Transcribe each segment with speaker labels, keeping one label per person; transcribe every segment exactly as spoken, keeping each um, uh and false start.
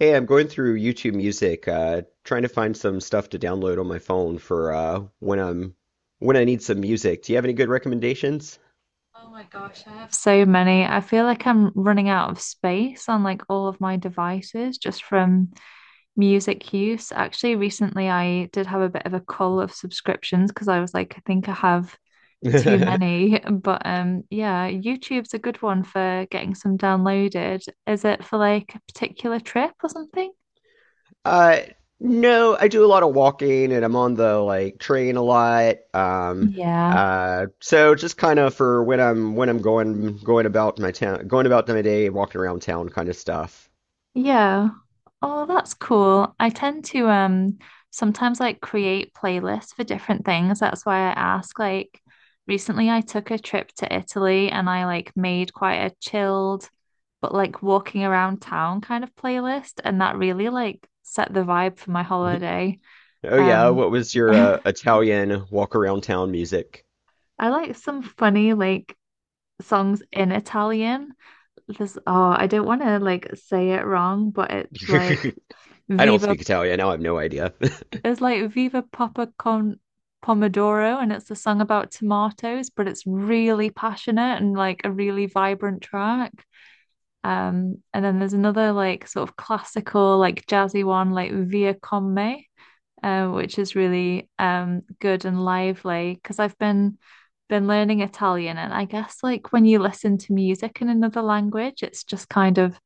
Speaker 1: Hey, I'm going through YouTube Music, uh, trying to find some stuff to download on my phone for uh, when I'm when I need some music. Do you have any good recommendations?
Speaker 2: Oh my gosh, I have so many. I feel like I'm running out of space on like all of my devices just from music use. Actually, recently I did have a bit of a cull of subscriptions because I was like, I think I have too many. But um yeah, YouTube's a good one for getting some downloaded. Is it for like a particular trip or something?
Speaker 1: Uh, no, I do a lot of walking and I'm on the like train a lot. Um,
Speaker 2: Yeah.
Speaker 1: uh, so just kind of for when I'm when I'm going going about my town, going about my day, walking around town kind of stuff.
Speaker 2: Yeah. Oh, that's cool. I tend to um sometimes like create playlists for different things. That's why I ask. Like recently I took a trip to Italy and I like made quite a chilled but like walking around town kind of playlist and that really like set the vibe for my holiday.
Speaker 1: Oh yeah,
Speaker 2: Um
Speaker 1: what was your uh, Italian walk around town music?
Speaker 2: I like some funny like songs in Italian. This oh, I don't want to like say it wrong, but it's like
Speaker 1: I don't
Speaker 2: Viva
Speaker 1: speak Italian, now I have no idea.
Speaker 2: It's like Viva Papa Con Pomodoro, and it's a song about tomatoes, but it's really passionate and like a really vibrant track. Um, and then there's another like sort of classical, like jazzy one, like Via Con Me, uh, which is really um good and lively because I've been been learning Italian, and I guess like when you listen to music in another language, it's just kind of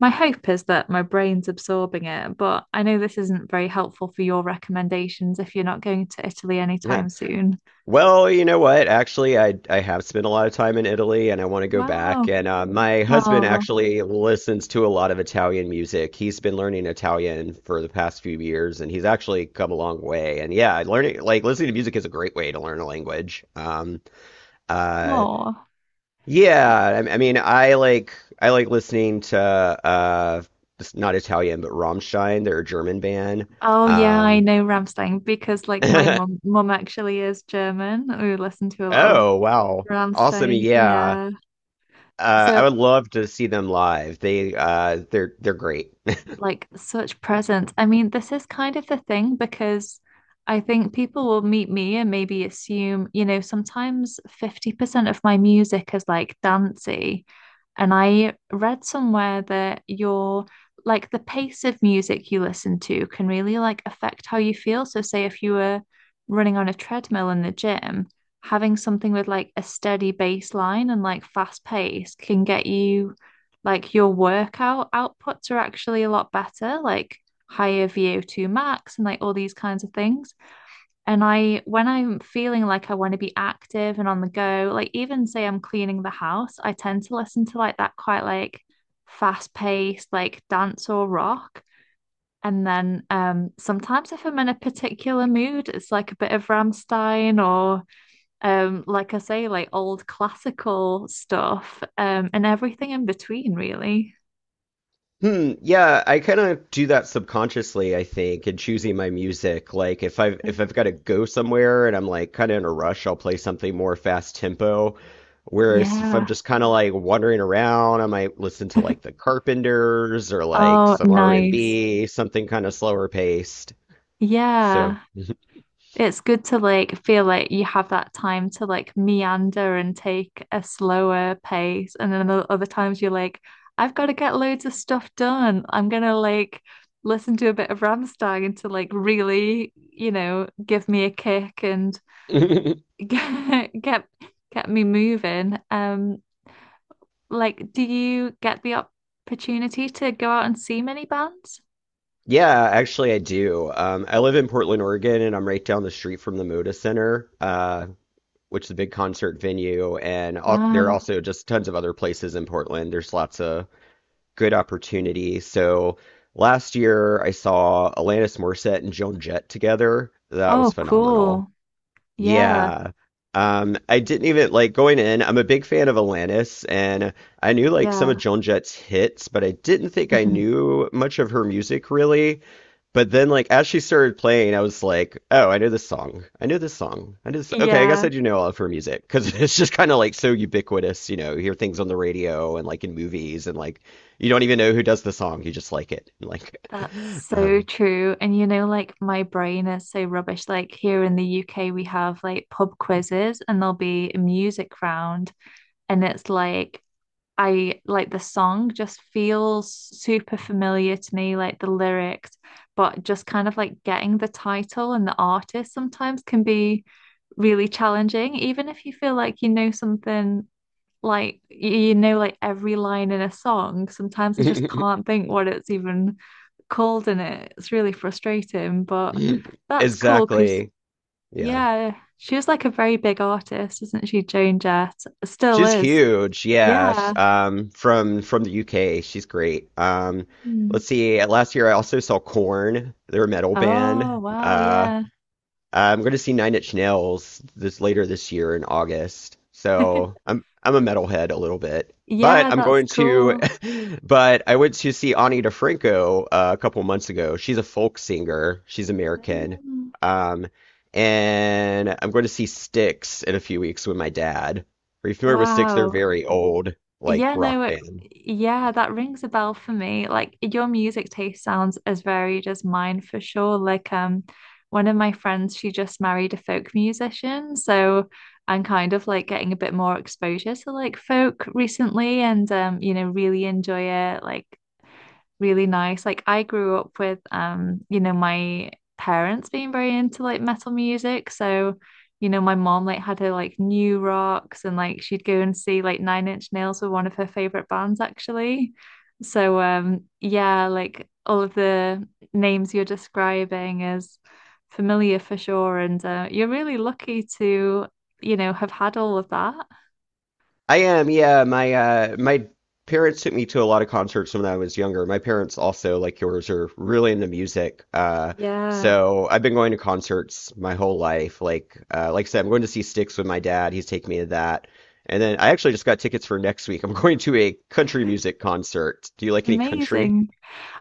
Speaker 2: my hope is that my brain's absorbing it, but I know this isn't very helpful for your recommendations if you're not going to Italy anytime soon.
Speaker 1: Well, you know what? Actually, I I have spent a lot of time in Italy, and I want to go back.
Speaker 2: Wow.
Speaker 1: And uh, my husband
Speaker 2: Oh,
Speaker 1: actually listens to a lot of Italian music. He's been learning Italian for the past few years, and he's actually come a long way. And yeah, learning like listening to music is a great way to learn a language. Um, uh,
Speaker 2: oh.
Speaker 1: yeah, I, I mean, I like I like listening to uh, it's not Italian, but Rammstein. They're a German band.
Speaker 2: Oh yeah, I
Speaker 1: Um,
Speaker 2: know Rammstein because like my mum mum actually is German. We listen to a lot of
Speaker 1: oh wow, awesome!
Speaker 2: Rammstein.
Speaker 1: Yeah.
Speaker 2: Yeah.
Speaker 1: Uh, I
Speaker 2: So
Speaker 1: would love to see them live. They uh, they're they're great.
Speaker 2: like such presence. I mean, this is kind of the thing because I think people will meet me and maybe assume, you know, sometimes fifty percent of my music is like dancey. And I read somewhere that your like the pace of music you listen to can really like affect how you feel. So say if you were running on a treadmill in the gym, having something with like a steady baseline and like fast pace can get you like your workout outputs are actually a lot better, like higher V O two max and like all these kinds of things. And I, when I'm feeling like I want to be active and on the go, like even say I'm cleaning the house, I tend to listen to like that quite like fast paced, like dance or rock. And then um, sometimes if I'm in a particular mood, it's like a bit of Rammstein or um, like I say, like old classical stuff um, and everything in between, really.
Speaker 1: Hmm, yeah, I kind of do that subconsciously, I think, in choosing my music. Like if I've if I've got to
Speaker 2: Mm.
Speaker 1: go somewhere and I'm like kind of in a rush, I'll play something more fast tempo. Whereas if I'm
Speaker 2: Yeah.
Speaker 1: just kind of like wandering around, I might listen to like the Carpenters or like
Speaker 2: Oh,
Speaker 1: some
Speaker 2: nice.
Speaker 1: R and B, something kind of slower paced. So
Speaker 2: Yeah. It's good to like feel like you have that time to like meander and take a slower pace. And then other times you're like, I've got to get loads of stuff done. I'm gonna like listen to a bit of Rammstein to like really, you know, give me a kick and get get, get me moving. Um, like, do you get the opportunity to go out and see many bands?
Speaker 1: Yeah, actually, I do. Um, I live in Portland, Oregon, and I'm right down the street from the Moda Center, uh, which is a big concert venue. And al- there are
Speaker 2: Wow.
Speaker 1: also just tons of other places in Portland. There's lots of good opportunity. So last year, I saw Alanis Morissette and Joan Jett together. That was
Speaker 2: Oh,
Speaker 1: phenomenal.
Speaker 2: cool. Yeah.
Speaker 1: Yeah. Um, I didn't even like going in. I'm a big fan of Alanis, and I knew like some of
Speaker 2: Yeah.
Speaker 1: Joan Jett's hits, but I didn't think I
Speaker 2: Mhm.
Speaker 1: knew much of her music really. But then, like, as she started playing, I was like, oh, I know this song. I know this song. I know this. Okay, I guess
Speaker 2: Yeah.
Speaker 1: I do know all of her music because it's just kind of like so ubiquitous. You know, you hear things on the radio and like in movies, and like you don't even know who does the song. You just like it. Like,
Speaker 2: That's so
Speaker 1: um,
Speaker 2: true. And you know, like my brain is so rubbish. Like here in the U K, we have like pub quizzes and there'll be a music round. And it's like, I like the song just feels super familiar to me, like the lyrics, but just kind of like getting the title and the artist sometimes can be really challenging, even if you feel like you know something like you know like every line in a song sometimes I just can't think what it's even called in it, it's really frustrating but that's cool because
Speaker 1: exactly. Yeah.
Speaker 2: yeah she was like a very big artist, isn't she? Joan Jett still
Speaker 1: She's
Speaker 2: is,
Speaker 1: huge. Yeah. sh-
Speaker 2: yeah.
Speaker 1: Um, from from the U K. She's great. Um,
Speaker 2: Mm.
Speaker 1: let's see. Last year, I also saw Corn. They're a metal
Speaker 2: Oh
Speaker 1: band.
Speaker 2: wow,
Speaker 1: uh,
Speaker 2: yeah.
Speaker 1: I'm going to see Nine Inch Nails this later this year in August. So I'm I'm a metalhead a little bit, but
Speaker 2: Yeah,
Speaker 1: I'm
Speaker 2: that's
Speaker 1: going to.
Speaker 2: cool.
Speaker 1: But I went to see Ani DeFranco uh, a couple months ago. She's a folk singer. She's American.
Speaker 2: Mm.
Speaker 1: Um, and I'm going to see Styx in a few weeks with my dad. Are you familiar with Styx? They're
Speaker 2: Wow.
Speaker 1: very old, like
Speaker 2: Yeah, no,
Speaker 1: rock
Speaker 2: it,
Speaker 1: band.
Speaker 2: yeah, that rings a bell for me. Like your music taste sounds as varied as mine for sure. Like um one of my friends, she just married a folk musician, so I'm kind of like getting a bit more exposure to like folk recently and um, you know, really enjoy it. Like really nice. Like I grew up with um, you know, my parents being very into like metal music. So, you know, my mom like had her like new rocks and like she'd go and see like Nine Inch Nails were one of her favorite bands actually. So um yeah, like all of the names you're describing is familiar for sure. And uh, you're really lucky to, you know, have had all of that.
Speaker 1: I am, yeah. My uh my parents took me to a lot of concerts when I was younger. My parents also, like yours, are really into music. Uh
Speaker 2: Yeah.
Speaker 1: so I've been going to concerts my whole life. Like uh like I said, I'm going to see Styx with my dad. He's taking me to that. And then I actually just got tickets for next week. I'm going to a country music concert. Do you like any country?
Speaker 2: Amazing.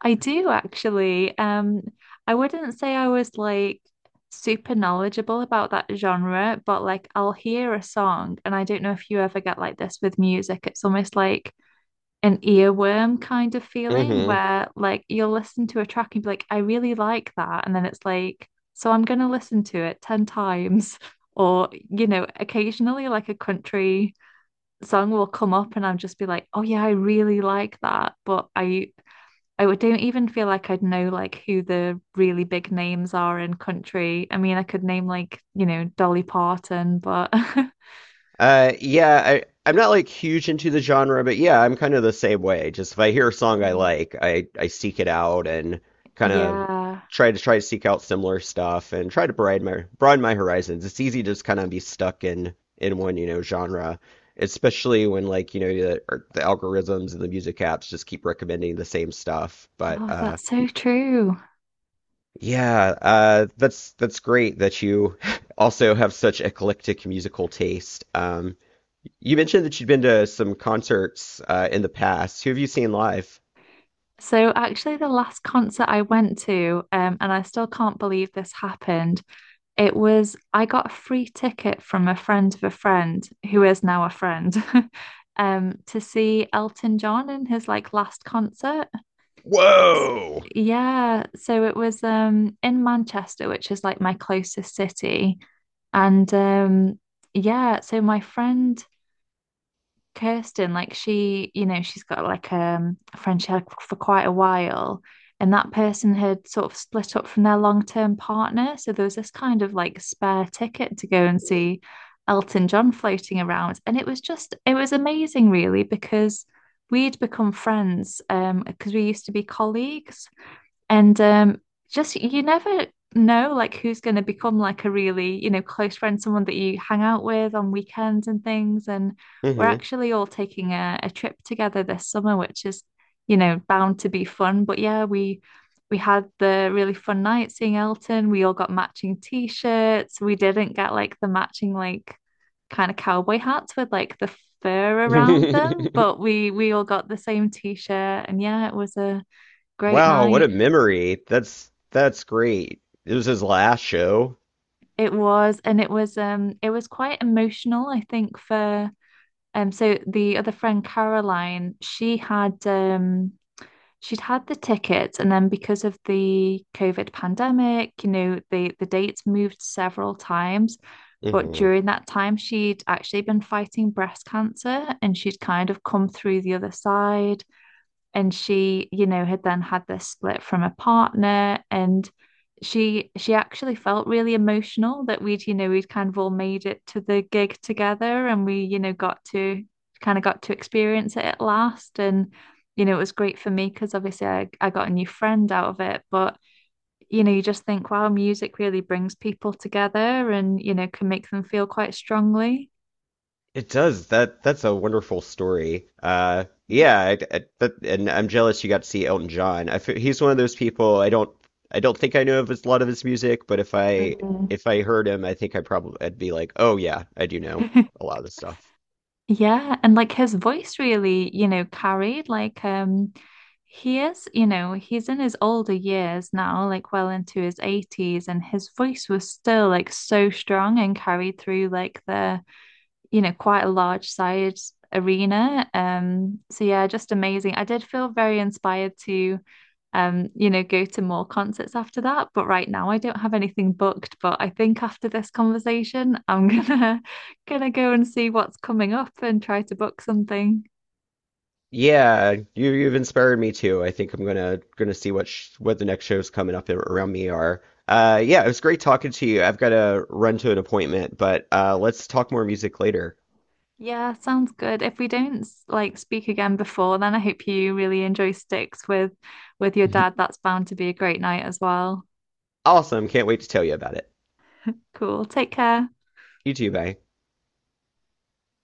Speaker 2: I do actually. Um, I wouldn't say I was like super knowledgeable about that genre, but like I'll hear a song, and I don't know if you ever get like this with music. It's almost like an earworm kind of feeling
Speaker 1: Hmm.
Speaker 2: where like you'll listen to a track and be like, I really like that. And then it's like, so I'm gonna listen to it ten times. Or, you know, occasionally like a country song will come up and I'll just be like, oh yeah, I really like that. But I I would- don't even feel like I'd know like who the really big names are in country. I mean, I could name like, you know, Dolly Parton, but
Speaker 1: Uh, yeah, I, I'm not like huge into the genre, but yeah, I'm kind of the same way. Just if I hear a song I
Speaker 2: Mm.
Speaker 1: like, I, I seek it out and kind of
Speaker 2: Yeah.
Speaker 1: try to try to seek out similar stuff and try to broaden my broaden my horizons. It's easy to just kind of be stuck in in one, you know, genre, especially when like, you know, the, or the algorithms and the music apps just keep recommending the same stuff. But
Speaker 2: Oh,
Speaker 1: uh,
Speaker 2: that's so true.
Speaker 1: yeah, uh, that's that's great that you also have such eclectic musical taste. Um, you mentioned that you'd been to some concerts uh, in the past. Who have you seen live?
Speaker 2: So actually the last concert I went to, um, and I still can't believe this happened, it was I got a free ticket from a friend of a friend who is now a friend, um, to see Elton John in his like last concert.
Speaker 1: Whoa!
Speaker 2: Yeah, so it was um in Manchester, which is like my closest city. And um yeah, so my friend Kirsten, like she, you know, she's got like um a friend she had for quite a while, and that person had sort of split up from their long-term partner. So there was this kind of like spare ticket to go and see Elton John floating around. And it was just it was amazing really because we'd become friends um because we used to be colleagues. And um, just you never know like who's going to become like a really, you know, close friend, someone that you hang out with on weekends and things. And we're
Speaker 1: Hmm.
Speaker 2: actually all taking a, a trip together this summer, which is, you know, bound to be fun. But yeah, we we had the really fun night seeing Elton. We all got matching t-shirts. We didn't get like the matching like kind of cowboy hats with like the fur around them, but we we all got the same t-shirt. And yeah, it was a great
Speaker 1: Wow, what a
Speaker 2: night.
Speaker 1: memory. That's that's great. It was his last show.
Speaker 2: It was, and it was um it was quite emotional, I think, for um so the other friend Caroline, she had um she'd had the tickets and then because of the COVID pandemic, you know, the the dates moved several times. But
Speaker 1: Hmm.
Speaker 2: during that time, she'd actually been fighting breast cancer and she'd kind of come through the other side and she you know had then had this split from a partner and she she actually felt really emotional that we'd you know we'd kind of all made it to the gig together and we you know got to kind of got to experience it at last and you know it was great for me because obviously I, I got a new friend out of it but you know you just think wow, music really brings people together and you know can make them feel quite strongly.
Speaker 1: It does. That that's a wonderful story. Uh, yeah, I, I, that, and I'm jealous you got to see Elton John. I fe- he's one of those people I don't I don't think I know of his, a lot of his music, but if I
Speaker 2: Mm.
Speaker 1: if I heard him, I think I probably I'd be like, oh yeah, I do know a lot of this stuff.
Speaker 2: Yeah, and like his voice really, you know, carried like um he is, you know, he's in his older years now, like well into his eighties, and his voice was still like so strong and carried through like the, you know, quite a large sized arena. Um, so yeah, just amazing. I did feel very inspired to um, you know, go to more concerts after that. But right now I don't have anything booked. But I think after this conversation, I'm gonna gonna go and see what's coming up and try to book something.
Speaker 1: Yeah, you you've inspired me too. I think I'm gonna gonna see what sh what the next shows coming up ar- around me are. Uh, yeah, it was great talking to you. I've got to run to an appointment, but uh, let's talk more music later.
Speaker 2: Yeah, sounds good. If we don't like speak again before, then I hope you really enjoy Sticks with with your dad. That's bound to be a great night as well.
Speaker 1: Awesome, can't wait to tell you about it.
Speaker 2: Cool. Take care.
Speaker 1: You too, bye.